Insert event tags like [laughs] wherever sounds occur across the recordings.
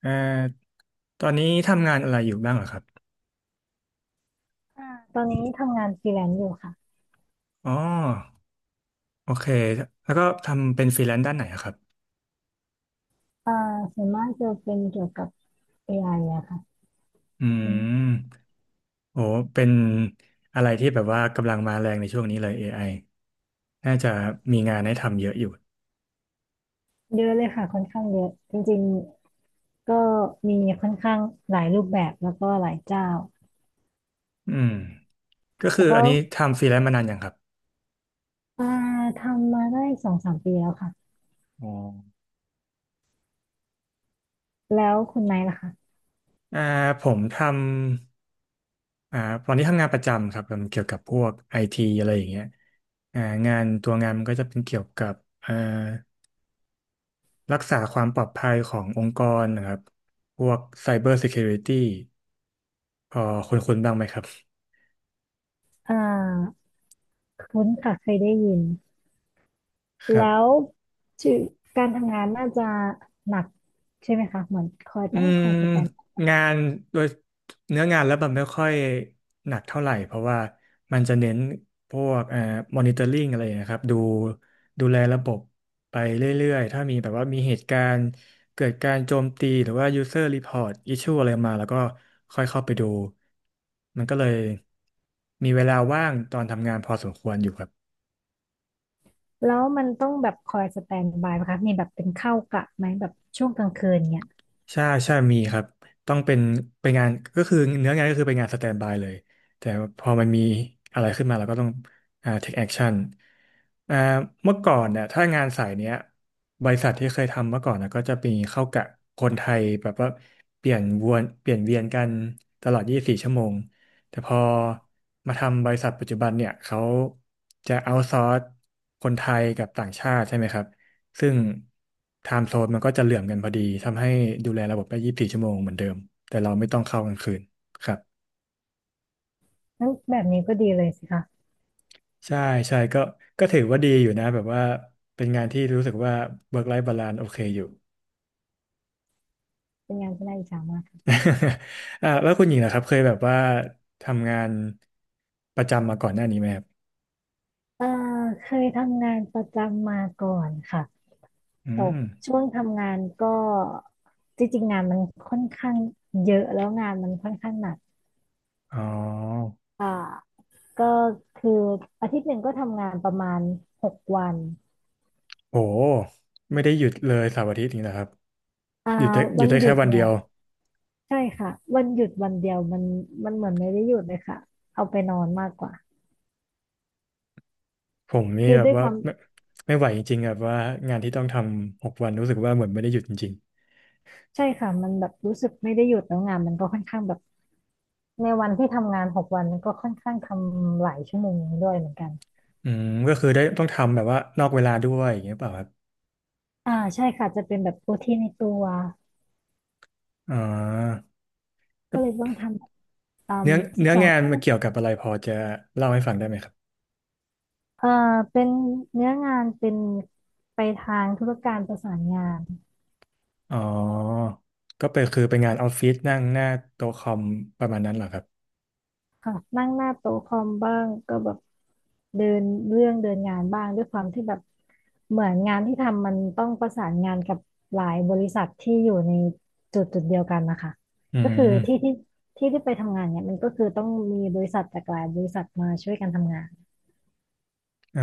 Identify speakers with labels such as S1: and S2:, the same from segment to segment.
S1: เอ่อตอนนี้ทำงานอะไรอยู่บ้างเหรอครับ
S2: อ่าตอนนี้ทำงานฟรีแลนซ์อยู่ค่ะ
S1: อ๋อโอเคแล้วก็ทำเป็นฟรีแลนซ์ด้านไหนอะครับ
S2: อ่าส่วนมากจะเป็นเกี่ยวกับ AI อไออะค่ะ
S1: อื
S2: เป็น
S1: มโอ้เป็นอะไรที่แบบว่ากำลังมาแรงในช่วงนี้เลย AI น่าจะมีงานให้ทำเยอะอยู่
S2: เยอะเลยค่ะค่อนข้างเยอะจริงๆ ก็มีค่อนข้างหลายรูปแบบแล้วก็หลายเจ้า
S1: อืมก็คือ
S2: แต่
S1: อั
S2: ก็
S1: นนี้ทำฟรีแลนซ์มานานยังครับ
S2: อ่าทำมาได้สองสามปีแล้วค่ะ
S1: อ๋อ
S2: แล้วคุณไนท์ล่ะคะ
S1: อ่าผมทำอ่าตอนนี้ทำงานประจำครับทำเกี่ยวกับพวกไอทีอะไรอย่างเงี้ยอ่างานตัวงานมันก็จะเป็นเกี่ยวกับเอ่อ รักษาความปลอดภัยขององค์กรนะครับ พวก Cyber Security พอคุ้นๆบ้างไหมครับ
S2: อ่าคุ้นค่ะเคยได้ยิน
S1: ครั
S2: แล้
S1: บ
S2: วชื่อการทำงานน่าจะหนักใช่ไหมคะเหมือนคอย
S1: อื
S2: ต้องค
S1: ม
S2: อยสแตน
S1: งานโดยเนื้องานแล้วมันไม่ค่อยหนักเท่าไหร่ เพราะว่ามันจะเน้นพวกmonitoring อนิเตอร์ลิงอะไรนะครับดูแลระบบไปเรื่อยๆ ถ้ามีแบบว่ามีเหตุการณ์เกิดการโจมตี หรือว่า user report issue อะไรมาแล้วก็ค่อยเข้าไปดู มันก็เลยมีเวลาว่างตอนทำงานพอสมควรอยู่ครับ
S2: แล้วมันต้องแบบคอยสแตนด์บายไหมคะมีแบบเป็นเข้ากะไหมแบบช่วงกลางคืนเนี่ย
S1: ใช่ใช่มีครับต้องเป็นงานก็คือเนื้องานก็คือเป็นงานสแตนด์บายเลยแต่พอมันมีอะไรขึ้นมาเราก็ต้องtake action อ่าเมื่อก่อนเนี่ยถ้างานสายเนี้ยบริษัทที่เคยทำเมื่อก่อนนะก็จะมีเข้ากะคนไทยแบบว่าเปลี่ยนวนเปลี่ยนเวียนกันตลอด24ชั่วโมงแต่พอมาทำบริษัทปัจจุบันเนี่ยเขาจะเอาซอร์สคนไทยกับต่างชาติใช่ไหมครับ ซึ่งไทม์โซนมันก็จะเหลื่อมกันพอดีทำให้ดูแลระบบได้24 ชั่วโมงเหมือนเดิมแต่เราไม่ต้องเข้ากลางคืนครับ
S2: นั่นแบบนี้ก็ดีเลยสิคะ
S1: ใช่ใช่ก็ถือว่าดีอยู่นะแบบว่าเป็นงานที่รู้สึกว่า work life balance โอเคอยู่
S2: เป็นงานที่น่าอิจฉามากค่ะ
S1: [laughs] แล้วคุณหญิงนะครับเคยแบบว่าทำงานประจำมาก่อนหน้านี้ไหมครับ
S2: เออเคยทำงานประจำมาก่อนค่ะ
S1: อื
S2: ต
S1: ม
S2: กช่วงทำงานก็จริงๆงานมันค่อนข้างเยอะแล้วงานมันค่อนข้างหนัก
S1: อ๋อ
S2: อ่าก็คืออาทิตย์หนึ่งก็ทำงานประมาณหกวัน
S1: โหไม่ได้หยุดเลยเสาร์อาทิตย์นี่นะครับ
S2: อ่า
S1: หยุดได้หยุ
S2: วั
S1: ด
S2: น
S1: ได้
S2: หยุ
S1: แค่
S2: ด
S1: วัน
S2: เนี่
S1: เดี
S2: ย
S1: ยว
S2: ใช่ค่ะวันหยุดวันเดียวมันเหมือนไม่ได้หยุดเลยค่ะเอาไปนอนมากกว่า
S1: ผมนี่
S2: คือ
S1: แบบ
S2: ด้วยค
S1: ว่า
S2: วาม
S1: ไม่ไหวจริงๆแบบว่างานที่ต้องทำหกวันรู้สึกว่าเหมือนไม่ได้หยุดจริง
S2: ใช่ค่ะมันแบบรู้สึกไม่ได้หยุดแล้วงานมันก็ค่อนข้างแบบในวันที่ทำงานหกวันมันก็ค่อนข้างทำหลายชั่วโมงด้วยเหมือนกัน
S1: ๆก็คือได้ต้องทำแบบว่านอกเวลาด้วยอย่างเงี้ยเปล่าครับ
S2: ใช่ค่ะจะเป็นแบบโอทีในตัว
S1: อ๋อ
S2: ก็เลยต้องทำแบบตาม
S1: เนื้อ
S2: สิบ
S1: เนื้อ
S2: สอง
S1: งาน
S2: ชั่วโม
S1: มา
S2: ง
S1: เกี่ยวกับอะไรพอจะเล่าให้ฟังได้ไหมครับ
S2: เอ่าเป็นเนื้องานเป็นไปทางธุรการประสานงาน
S1: อ๋อก็เป็นคือเป็นงานออฟฟิศนั่งหน้าโต๊ะคอมประมาณนั้นเหรอครับ
S2: ค่ะนั่งหน้าโต๊ะคอมบ้างก็แบบเดินเรื่องเดินงานบ้างด้วยความที่แบบเหมือนงานที่ทำมันต้องประสานงานกับหลายบริษัทที่อยู่ในจุดจุดเดียวกันนะคะ
S1: อื
S2: ก็คือที่
S1: ม
S2: ที่ที่ที่ไปทำงานเนี่ยมันก็คือต้องมีบริษัทจากหลายบริษัทมาช่วยกันทำงาน
S1: เอ่อ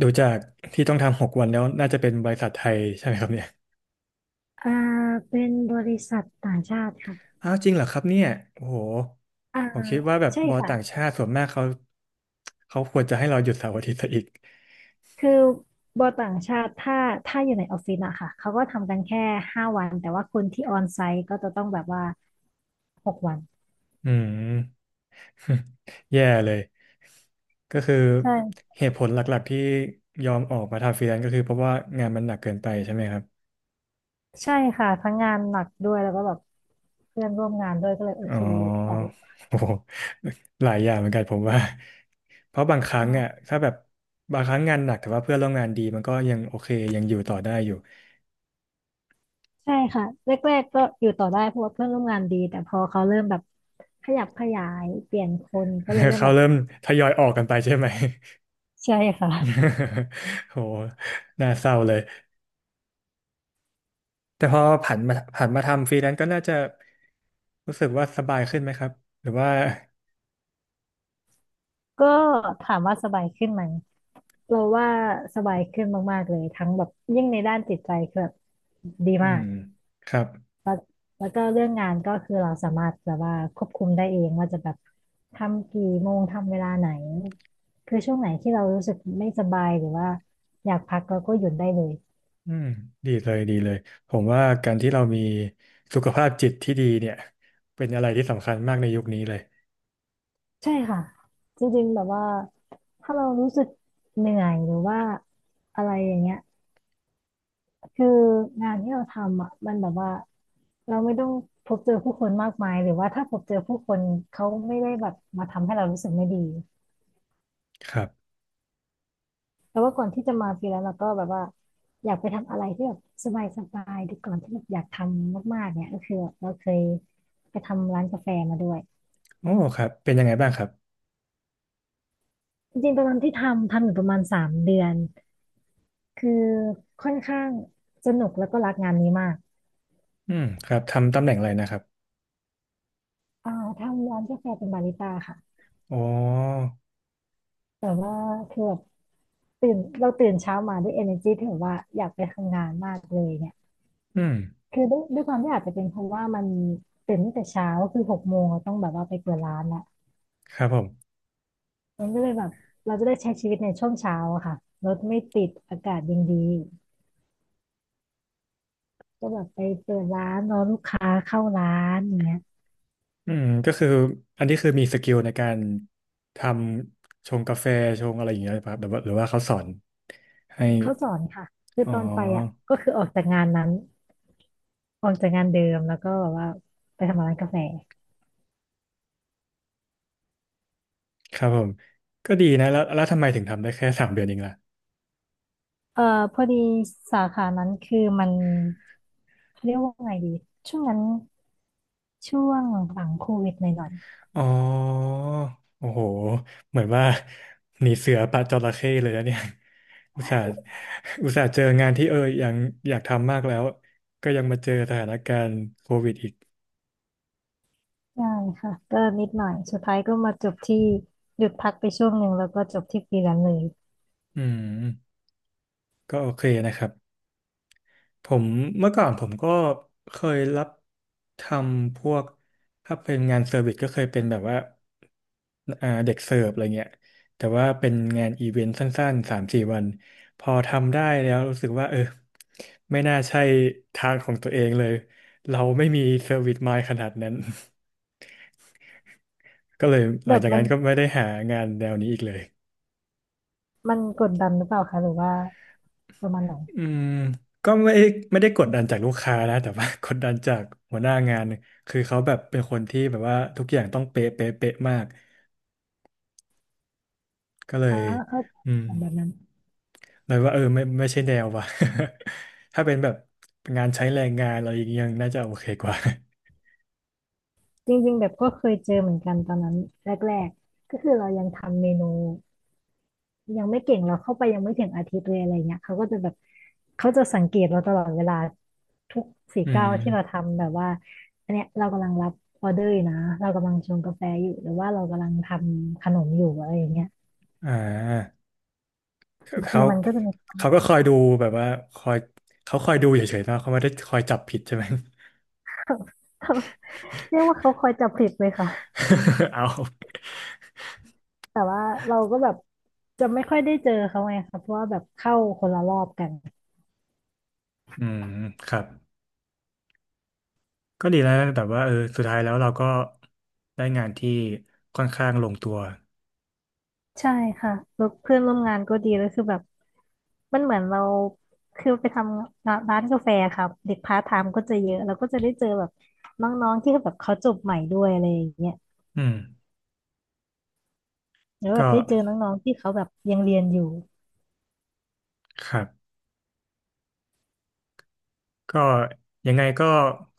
S1: ดูจากที่ต้องทำหกวันแล้วน่าจะเป็นบริษัทไทยใช่ไหมครับเนี่ย
S2: อ่าเป็นบริษัทต่างชาติค่ะ
S1: อ้าวจริงเหรอครับเนี่ยโอ้โห
S2: อ่า
S1: ผมคิดว่าแบบ
S2: ใช่
S1: บอล
S2: ค่ะ
S1: ต่างชาติส่วนมากเขาควรจะให้เราหยุดเสาร์อาทิตย์ซะอีก
S2: คือบอต่างชาติถ้าอยู่ในออฟฟิศอะค่ะเขาก็ทำกันแค่5 วันแต่ว่าคนที่ออนไซต์ก็จะต้องแบบว่าหกวัน
S1: อืม [laughs] แย่เลยก็คือ
S2: ใช่
S1: เหตุผลหลักๆที่ยอมออกมาทำฟรีแลนซ์ก็คือเพราะว่างานมันหนักเกินไปใช่ไหมครับ
S2: ใช่ค่ะทั้งงานหนักด้วยแล้วก็แบบเพื่อนร่วมงานด้วยก็เลยโอ
S1: อ๋อ
S2: เคออก
S1: [laughs] โอ้โหหลายอย่างเหมือนกันผมว่าเพราะบางครั้งอ่ะถ้าแบบบางครั้งงานหนักแต่ว่าเพื่อนร่วมงานดีมันก็ยังโอเคยังอยู่ต่อได้อยู่
S2: ใช่ค่ะแรกๆก็อยู่ต่อได้เพราะว่าเพื่อนร่วมงานดีแต่พอเขาเริ่มแบบขยับขยายเปลี่ยนคนก็เลย
S1: [laughs]
S2: เริ่ม
S1: เขา
S2: แบบ
S1: เริ่มทยอยออกกันไปใช่ไหม
S2: ใช่ค่ะ
S1: [laughs] โหน่าเศร้าเลยแต่พอผันมาทำฟรีแลนซ์ก็น่าจะรู้สึกว่าสบายขึ้นไหมครับ หรือว่า
S2: ก็ถามว่าสบายขึ้นไหมเราว่าสบายขึ้นมากๆเลยทั้งแบบยิ่งในด้านจิตใจคือแบบดี
S1: อื
S2: มา
S1: ม
S2: ก
S1: ครับ
S2: แล้วก็เรื่องงานก็คือเราสามารถแบบว่าควบคุมได้เองว่าจะแบบทำกี่โมงทำเวลาไหนคือช่วงไหนที่เรารู้สึกไม่สบายหรือว่าอยากพักเราก็หยุดได้เลย
S1: อืมดีเลยดีเลยผมว่าการที่เรามีสุขภาพจิตที่ดีเนี่ยเป็นอะไรที่สำคัญมากในยุคนี้เลย
S2: ใช่ค่ะจริงๆแบบว่าถ้าเรารู้สึกเหนื่อยหรือว่าอะไรอย่างเงี้ย คืองานที่เราทำอ่ะมันแบบว่าเราไม่ต้องพบเจอผู้คนมากมายหรือว่าถ้าพบเจอผู้คนเขาไม่ได้แบบมาทำให้เรารู้สึกไม่ดี
S1: ครับ
S2: แต่ว่าก่อนที่จะมาฟรีแลนซ์เราก็แบบว่าอยากไปทำอะไรที่แบบสบายสบายดูก่อนที่แบบอยากทำมากๆเนี่ยก็คือเราเคยไปทำร้านกาแฟมาด้วย
S1: โอ้ครับเป็นยังไงบ้างครับ
S2: จริงๆตอนนั้นที่ทำอยู่ประมาณ3 เดือนคือค่อนข้างสนุกแล้วก็รักงานนี้มาก
S1: อืมครับทำตำแหน่งอะไรนะครับ
S2: อ่าทำร้านกาแฟเป็นบาริสต้าค่ะ
S1: อ๋อ
S2: แต่ว่าคือแบบ เราตื่นเช้ามาด้วย energy ที่แบบว่าอยากไปทำงานมากเลยเนี่ย
S1: อืม
S2: คือด้วยความที่อาจจะเป็นเพราะว่ามันตื่นตั้งแต่เช้าคือ6 โมงเราต้องแบบว่าไปเปิดร้านละ
S1: ครับผม
S2: มันก็เลยแบบเราจะได้ใช้ชีวิตในช่วงเช้าอะค่ะรถไม่ติดอากาศยังดีก็แบบไปเปิดร้านรอลูกค้าเข้าร้านอย่างเงี้ย
S1: ก็คืออันนี้คือมีสกิลในการทำชงกาแฟชงอะไรอย่างเงี้ยครับหรือว่าเขาสอนให้
S2: เขาสอนค่ะคือ
S1: อ๋อ
S2: ตอนไปอ่ะก็คือออกจากงานนั้นออกจากงานเดิมแล้วก็แบบว่าไปทำร้านกาแฟ
S1: ครับผมก็ดีนะแล้วทำไมถึงทำได้แค่3 เดือนเองล่ะ
S2: เอ่อพอดีสาขานั้นคือมันเขาเรียกว่าไงดีช่วงนั้นช่วงหลังโควิดหน่อย
S1: อ๋อโอ้โหเหมือนว่าหนีเสือปะจระเข้เลยนะเนี่ย [laughs] อุตส่าห์อุตส่าห์เจองานที่เออยังอยากทำมากแล้วก็ยังมาเจอสถานการณ์โควิดอีก
S2: ๆใช่ค่ะก็นิดหน่อยสุดท้ายก็มาจบที่หยุดพักไปช่วงหนึ่งแล้วก็จบที่ฟรีแลนซ์เลย
S1: อืมก็โอเคนะครับ ผมเมื่อก่อนผมก็เคยรับทำพวกถ้าเป็นงานเซอร์วิสก็เคยเป็นแบบว่าเด็กเสิร์ฟอะไรเงี้ยแต่ว่าเป็นงานอีเวนต์สั้นๆ3-4 วันพอทำได้แล้วรู้สึกว่าเออไม่น่าใช่ทางของตัวเองเลยเราไม่มีเซอร์วิสมายขนาดนั้น [laughs] ก็เลยห
S2: แบ
S1: ลัง
S2: บ
S1: จาก
S2: มั
S1: นั้
S2: น
S1: นก็ไม่ได้หางานแนวนี้อีกเลย
S2: มันกดดันหรือเปล่าคะหรือว่าประมาณไหน
S1: อืมก็ไม่ได้กดดันจากลูกค้านะแต่ว่า [laughs] กดดันจากหัวหน้างานคือเขาแบบเป็นคนที่แบบว่าทุกอย่างต้องเป๊ะเป๊ะเป๊ะมากก็เล
S2: อ่า
S1: ย
S2: เข้าใจ
S1: อืม
S2: แบบนั้น
S1: เลยว่าเออไม่ใช่แนวว่ะ [laughs] ถ้าเป็นแบบงานใช้แรงงานอะไรอย่างเงี้ยยังน่าจะโอเคกว่า [laughs]
S2: จริงๆแบบก็เคยเจอเหมือนกันตอนนั้นแรกๆก็คือเรายังทำเมนู ยังไม่เก่งเราเข้าไปยังไม่ถึงอาทิตย์เลยอะไรเงี้ยเขาก็จะแบบเขาจะสังเกตเราตลอดเวลาทุกสี่
S1: อื
S2: เก้าวที่เรา
S1: ม
S2: ทำแบบว่าอันเนี้ยเรากำลังรับออเดอร์อยู่นะเรากำลังชงกาแฟอยู่หรือว่าเรากำลังทำขนมอยู่อะไรอย่างเงี้ย
S1: อ่าเข
S2: คือ
S1: า
S2: มันก็จะมี
S1: เขาก็คอยดูแบบว่าคอยเขาคอยดูเฉยๆนะเขาไม่ได้คอยจับผิดใช่ไหม
S2: [laughs] เรียกว่าเขาคอยจับผิดเลยค่ะ
S1: [laughs] เอา
S2: แต่ว่าเราก็แบบจะไม่ค่อยได้เจอเขาไงค่ะเพราะว่าแบบเข้าคนละรอบกัน
S1: อืมครับ ก็ดีแล้วนะแต่ว่าเออสุดท้ายแล้วเราก็ได้งานที่ค่อนข้างลงตัว
S2: ใช่ค่ะแล้วเพื่อนร่วมงานก็ดีแล้วคือแบบมันเหมือนเราคือไปทำงานร้านกาแฟครับเด็กพาร์ทไทม์ก็จะเยอะเราก็จะได้เจอแบบน้องๆที่แบบเขาจบใหม่ด้วยอะไรอย่างเงี้ย
S1: อืม
S2: แล้วแบ
S1: ก็
S2: บได้เจอน้องๆที่เขาแบบยังเรียนอยู่
S1: ครับก็ยังไงก็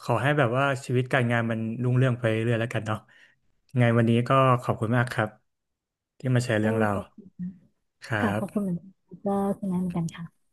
S1: ขอให้แบบว่าชีวิตการงานมันรุ่งเรืองไปเรื่อยๆแล้วกันเนาะยังไงวันนี้ก็ขอบคุณมากครับที่มาแชร์
S2: เอ
S1: เรื่
S2: อ
S1: องเรา
S2: ขอบคุณ
S1: วครั
S2: ค่ะขอบคุณ
S1: บ
S2: เหมือนกันก็คุณแม่เหมือนกันค่ะ